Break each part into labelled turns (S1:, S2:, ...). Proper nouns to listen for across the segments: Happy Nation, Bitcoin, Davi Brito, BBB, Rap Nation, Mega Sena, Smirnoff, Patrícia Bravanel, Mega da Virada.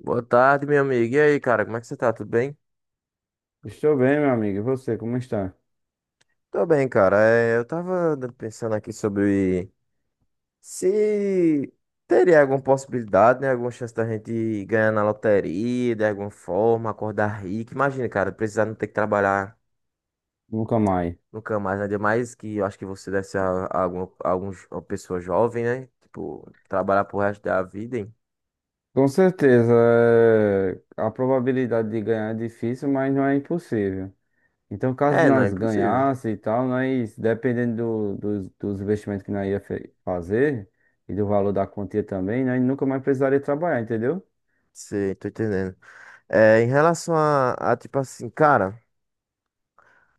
S1: Boa tarde, meu amigo. E aí, cara, como é que você tá? Tudo bem?
S2: Estou bem, meu amigo. E você, como está?
S1: Tô bem, cara. É, eu tava pensando aqui sobre se teria alguma possibilidade, né? Alguma chance da gente ganhar na loteria, de alguma forma, acordar rico. Imagina, cara, precisar não ter que trabalhar
S2: Nunca mais.
S1: nunca mais, né? Ainda mais que eu acho que você deve ser a alguma, uma pessoa jovem, né? Tipo, trabalhar pro resto da vida, hein?
S2: Com certeza, é, a probabilidade de ganhar é difícil, mas não é impossível. Então, caso
S1: É, não, é
S2: nós
S1: impossível.
S2: ganhasse e tal, nós, dependendo dos investimentos que nós ia fazer e do valor da quantia também, nós nunca mais precisaria trabalhar, entendeu?
S1: Sei, tô entendendo. É, em relação a, tipo assim, cara,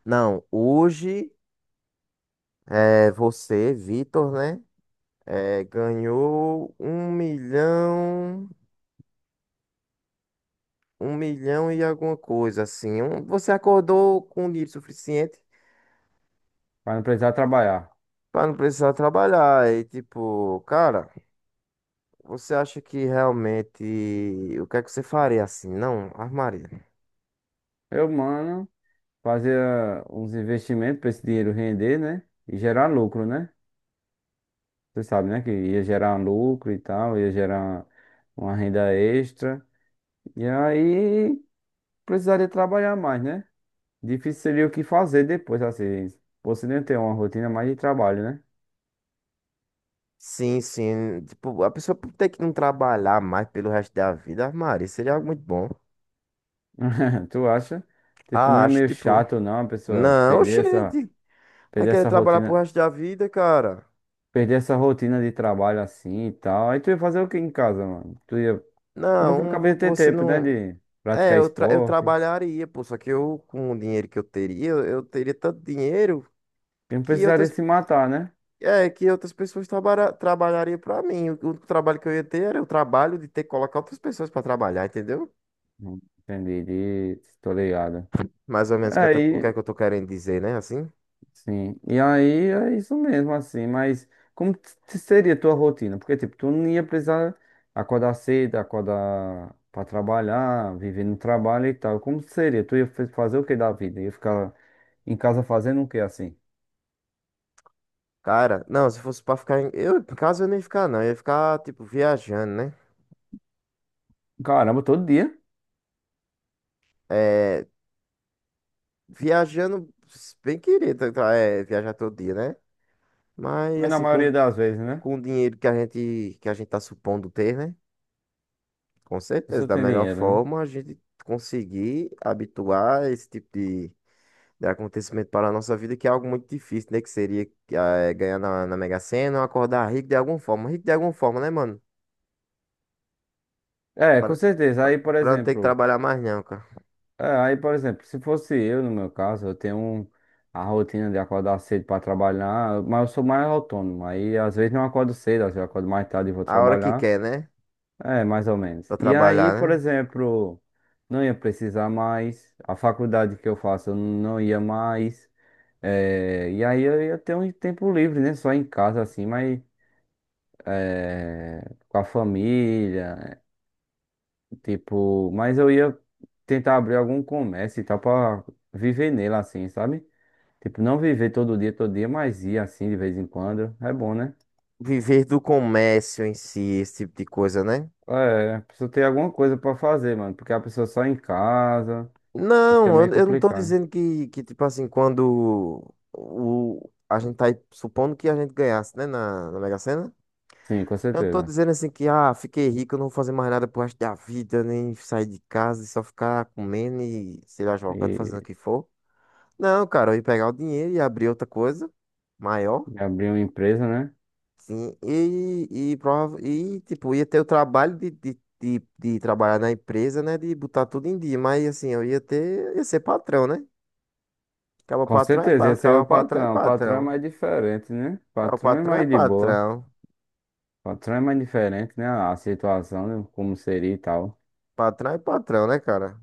S1: não, hoje. É, você, Vitor, né? É, ganhou 1 milhão, 1 milhão e alguma coisa, assim. Você acordou com dinheiro suficiente
S2: Para não precisar trabalhar.
S1: para não precisar trabalhar. E, tipo, cara, você acha que realmente. O que é que você faria assim? Não, armaria.
S2: Eu, mano, fazia uns investimentos para esse dinheiro render, né? E gerar lucro, né? Você sabe, né? Que ia gerar lucro e tal, ia gerar uma renda extra. E aí precisaria trabalhar mais, né? Difícil seria o que fazer depois, assim. Você nem ter uma rotina mais de trabalho, né?
S1: Sim, sim. Tipo, a pessoa ter que não trabalhar mais pelo resto da vida, armaria, seria algo muito bom.
S2: Tu acha? Tipo, não
S1: Ah,
S2: é
S1: acho,
S2: meio
S1: tipo.
S2: chato, não, a pessoa
S1: Não, gente. Vai
S2: perder
S1: querer
S2: essa
S1: trabalhar pro
S2: rotina,
S1: resto da vida, cara.
S2: perder essa rotina de trabalho assim e tal. Aí tu ia fazer o que em casa, mano? Tu ia. É porque eu
S1: Não,
S2: acabei de ter
S1: você
S2: tempo, né?
S1: não.
S2: De
S1: É,
S2: praticar
S1: eu
S2: esporte.
S1: trabalharia, pô, só que eu, com o dinheiro que eu teria, eu teria tanto dinheiro
S2: E não
S1: que
S2: precisaria
S1: outras,
S2: se matar, né?
S1: é, que outras pessoas trabalhariam pra mim. O trabalho que eu ia ter era o trabalho de ter que colocar outras pessoas pra trabalhar, entendeu?
S2: Entendi, de... tô ligado.
S1: Mais ou menos o que, o
S2: Aí,
S1: que é que eu tô querendo dizer, né? Assim,
S2: sim. E aí é isso mesmo, assim. Mas como seria a tua rotina? Porque, tipo, tu não ia precisar acordar cedo, acordar pra trabalhar, viver no trabalho e tal. Como seria? Tu ia fazer o que da vida? Ia ficar em casa fazendo o que assim?
S1: cara, não, se fosse pra ficar em. Eu, em casa eu nem ia ficar, não, eu ia ficar, tipo, viajando, né?
S2: Caramba, todo dia.
S1: É, viajando, bem querido, é, viajar todo dia, né? Mas
S2: Mas na
S1: assim, com
S2: maioria das vezes, né? A
S1: com o dinheiro que a gente está supondo ter, né? Com certeza,
S2: pessoa
S1: da
S2: tem
S1: melhor
S2: dinheiro, né?
S1: forma a gente conseguir habituar esse tipo de acontecimento para a nossa vida, que é algo muito difícil, né? Que seria ganhar na Mega Sena ou acordar rico de alguma forma. Rico de alguma forma, né, mano?
S2: É,
S1: Para
S2: com certeza. Aí, por
S1: para não ter que
S2: exemplo.
S1: trabalhar mais não, cara.
S2: É, aí, por exemplo, se fosse eu, no meu caso, eu tenho a rotina de acordar cedo para trabalhar, mas eu sou mais autônomo. Aí, às vezes, não acordo cedo, às vezes, eu acordo mais tarde e vou
S1: A hora que
S2: trabalhar.
S1: quer, né?
S2: É, mais ou menos.
S1: Para
S2: E
S1: trabalhar,
S2: aí, por
S1: né?
S2: exemplo, não ia precisar mais. A faculdade que eu faço, eu não ia mais. É, e aí, eu ia ter um tempo livre, né? Só em casa, assim, mas é, com a família. Tipo, mas eu ia tentar abrir algum comércio e tal pra viver nele assim, sabe? Tipo, não viver todo dia, mas ir assim de vez em quando. É bom, né?
S1: Viver do comércio em si, esse tipo de coisa, né?
S2: É, precisa ter alguma coisa pra fazer, mano. Porque a pessoa só em casa, acho que é
S1: Não,
S2: meio
S1: eu não tô
S2: complicado.
S1: dizendo que tipo assim, quando a gente tá aí supondo que a gente ganhasse, né, na Mega Sena,
S2: Sim, com
S1: eu não tô
S2: certeza.
S1: dizendo assim que, ah, fiquei rico, eu não vou fazer mais nada pro resto da vida, nem sair de casa e só ficar comendo e, sei lá, jogando, fazendo o
S2: E,
S1: que for. Não, cara, eu ia pegar o dinheiro e abrir outra coisa maior,
S2: e abrir uma empresa, né?
S1: sim, e, e tipo, ia ter o trabalho de trabalhar na empresa, né, de botar tudo em dia, mas assim, ia ser patrão, né? Cabo
S2: Com
S1: patrão é,
S2: certeza,
S1: pa-
S2: ia ser
S1: cabo
S2: o
S1: patrão é
S2: patrão. O patrão é
S1: patrão.
S2: mais diferente, né? O
S1: Cabo
S2: patrão é
S1: patrão é
S2: mais de boa.
S1: patrão.
S2: O patrão é mais diferente, né? A situação, né? Como seria e tal.
S1: Patrão é patrão, né, cara?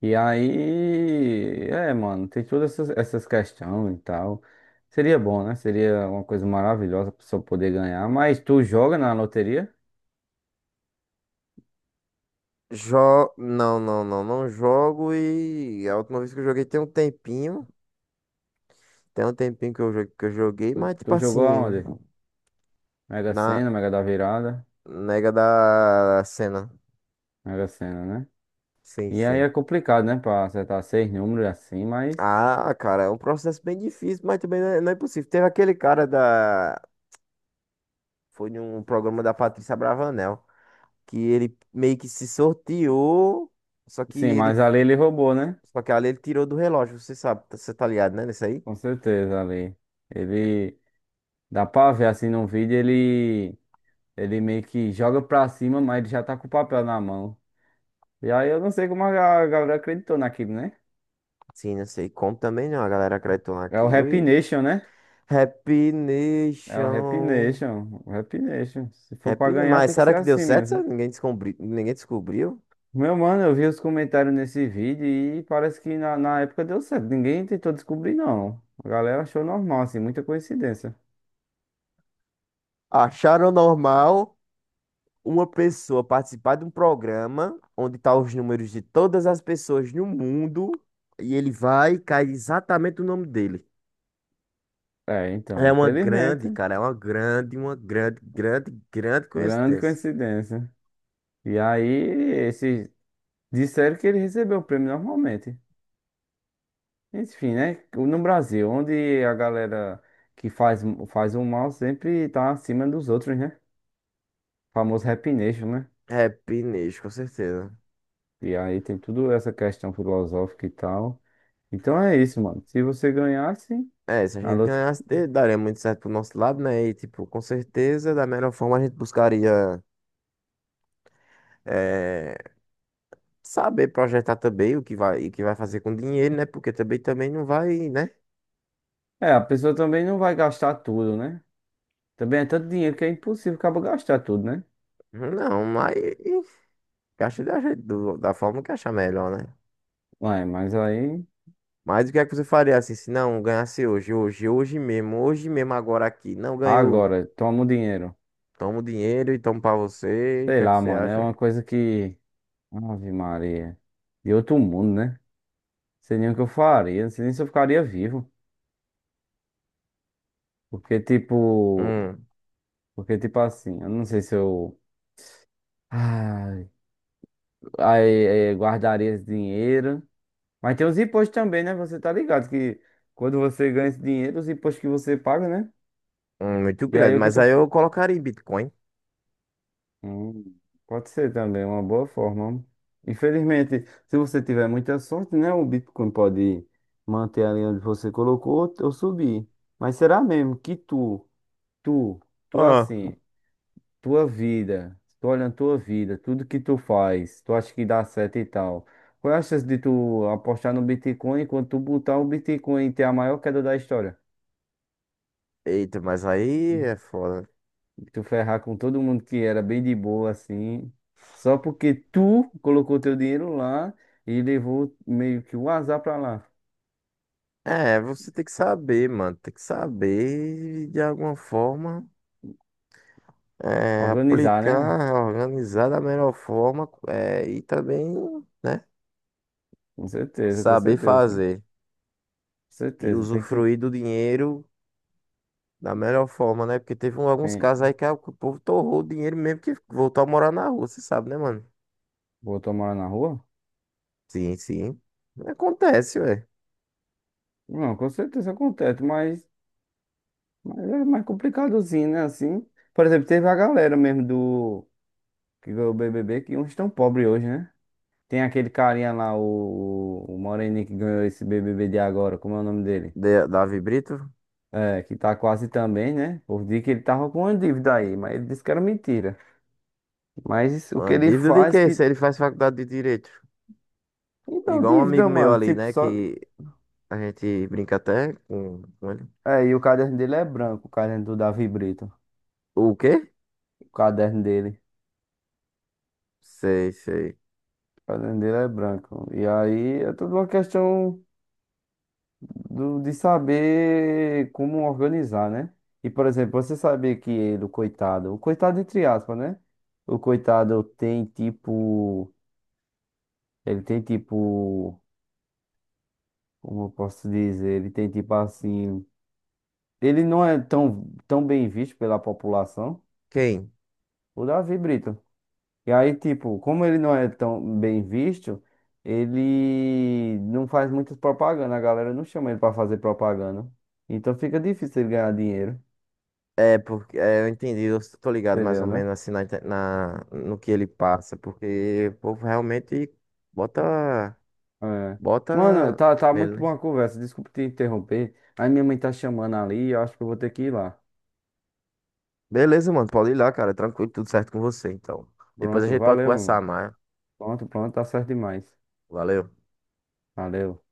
S2: E aí, é, mano, tem todas essas questões e tal. Seria bom, né? Seria uma coisa maravilhosa pra pessoa poder ganhar. Mas tu joga na loteria?
S1: Não, não, não, não jogo e a última vez que eu joguei tem um tempinho. Tem um tempinho que eu joguei, mas tipo
S2: Tu jogou
S1: assim,
S2: aonde? Mega
S1: na
S2: Sena, Mega da Virada,
S1: nega da cena.
S2: Mega Sena, né?
S1: Sim,
S2: E aí
S1: sim.
S2: é complicado, né? Pra acertar seis números assim, mas.
S1: Ah, cara, é um processo bem difícil, mas também não é impossível. Teve aquele cara da. Foi num programa da Patrícia Bravanel, que ele meio que se sorteou, só que
S2: Sim,
S1: ele
S2: mas ali ele roubou, né?
S1: Só que ali ele tirou do relógio, você sabe, você tá ligado, né? Nesse aí?
S2: Com certeza, ali. Ele. Dá pra ver assim num vídeo, ele. Ele meio que joga pra cima, mas ele já tá com o papel na mão. E aí eu não sei como a galera acreditou naquilo, né?
S1: Sim, não sei como também não. A galera acreditou
S2: É o
S1: naquilo
S2: Rap
S1: e.
S2: Nation, né?
S1: Happy
S2: É o Rap
S1: Nation.
S2: Nation. O Rap Nation. Se for pra ganhar,
S1: Mas
S2: tem que
S1: será
S2: ser
S1: que deu
S2: assim
S1: certo? Será
S2: mesmo.
S1: que ninguém descobriu.
S2: Meu mano, eu vi os comentários nesse vídeo e parece que na época deu certo. Ninguém tentou descobrir, não. A galera achou normal, assim, muita coincidência.
S1: Acharam normal uma pessoa participar de um programa onde tá os números de todas as pessoas no mundo e ele vai e cai exatamente o nome dele.
S2: É, então,
S1: É uma grande,
S2: infelizmente.
S1: cara, é uma grande, grande, grande
S2: Grande
S1: coincidência.
S2: coincidência. E aí, esse disseram que ele recebeu o prêmio normalmente. Enfim, né? No Brasil, onde a galera que faz, faz o mal sempre tá acima dos outros, né? O famoso Rap Nation, né?
S1: Happy Nation, com certeza.
S2: E aí tem tudo essa questão filosófica e tal. Então é isso, mano. Se você ganhasse,
S1: É, se a
S2: na
S1: gente
S2: loto...
S1: ganhasse, daria muito certo pro nosso lado, né? E, tipo, com certeza, da melhor forma, a gente buscaria eh, saber projetar também o que vai fazer com dinheiro, né? Porque também, também não vai, né?
S2: É, a pessoa também não vai gastar tudo, né? Também é tanto dinheiro que é impossível acaba gastar tudo, né?
S1: Não, mas gasta da forma que achar melhor, né?
S2: Ué, mas aí.
S1: Mas o que é que você faria assim, se não ganhasse hoje, hoje, hoje mesmo, agora aqui? Não ganhou,
S2: Agora, toma o dinheiro.
S1: toma o dinheiro e toma pra você. O que
S2: Sei
S1: é que
S2: lá,
S1: você
S2: mano. É
S1: acha?
S2: uma coisa que. Ave Maria. De outro mundo, né? Não sei nem o que eu faria. Não sei nem se eu ficaria vivo. Porque, tipo.
S1: Hum,
S2: Porque, tipo assim, eu não sei se eu. Ai, aí, guardaria esse dinheiro. Mas tem os impostos também, né? Você tá ligado que quando você ganha esse dinheiro, os impostos que você paga, né?
S1: muito
S2: E aí
S1: grande,
S2: o que
S1: mas
S2: tu.
S1: aí eu colocaria em Bitcoin.
S2: Hum, pode ser também, uma boa forma. Infelizmente, se você tiver muita sorte, né? O Bitcoin pode manter ali onde você colocou ou subir. Mas será mesmo que tu, tu
S1: Ah.
S2: assim, tua vida, tu olhando tua vida, tudo que tu faz, tu acha que dá certo e tal. Qual é a chance de tu apostar no Bitcoin e quando tu botar o Bitcoin ter a maior queda da história?
S1: Eita, mas aí é foda.
S2: Tu ferrar com todo mundo que era bem de boa assim, só porque tu colocou teu dinheiro lá e levou meio que o azar pra lá.
S1: É, você tem que saber, mano. Tem que saber de alguma forma é,
S2: Organizar, né?
S1: aplicar, organizar da melhor forma é, e também, né,
S2: Com
S1: saber
S2: certeza, né? Com
S1: fazer e
S2: certeza. Tem que.
S1: usufruir do dinheiro da melhor forma, né? Porque teve alguns casos
S2: Tem...
S1: aí que o povo torrou o dinheiro mesmo que voltou a morar na rua, você sabe, né, mano?
S2: Botou morar na rua?
S1: Sim, sim. Acontece, ué.
S2: Não, com certeza acontece, mas é mais complicadozinho, né? Assim. Por exemplo, teve a galera mesmo do. Que ganhou o BBB, que uns estão pobres hoje, né? Tem aquele carinha lá, o Moreninho que ganhou esse BBB de agora, como é o nome dele?
S1: Davi Brito,
S2: É, que tá quase também, né? Por dia que ele tava com uma dívida aí, mas ele disse que era mentira. Mas o que
S1: uma
S2: ele
S1: dívida de
S2: faz
S1: quê?
S2: que.
S1: Se ele faz faculdade de direito.
S2: Então,
S1: Igual um amigo
S2: dívida,
S1: meu
S2: mano.
S1: ali,
S2: Tipo,
S1: né?
S2: só.
S1: Que a gente brinca até com ele.
S2: É, e o caderno dele é branco, o caderno do Davi Brito.
S1: O quê?
S2: O caderno dele.
S1: Sei, sei.
S2: O caderno dele é branco. E aí é tudo uma questão de saber como organizar, né? E, por exemplo, você sabia que ele, o coitado. O coitado, entre aspas, né? O coitado tem tipo. Ele tem tipo. Como eu posso dizer, ele tem tipo assim, ele não é tão, tão bem visto pela população,
S1: Quem?
S2: o Davi Brito. E aí, tipo, como ele não é tão bem visto, ele não faz muitas propaganda, a galera não chama ele pra fazer propaganda. Então fica difícil ele ganhar dinheiro,
S1: É, porque é, eu entendi, eu tô ligado mais ou
S2: entendeu, né?
S1: menos assim no que ele passa, porque o povo realmente bota,
S2: É. Mano,
S1: bota
S2: tá, tá
S1: nele,
S2: muito
S1: né?
S2: boa a conversa, desculpa te interromper. Aí minha mãe tá chamando ali, eu acho que eu vou ter que ir lá.
S1: Beleza, mano, pode ir lá, cara, tranquilo, tudo certo com você, então. Depois a
S2: Pronto,
S1: gente pode
S2: valeu, meu
S1: conversar
S2: mano.
S1: mais.
S2: Pronto, pronto, tá certo demais.
S1: Valeu.
S2: Valeu.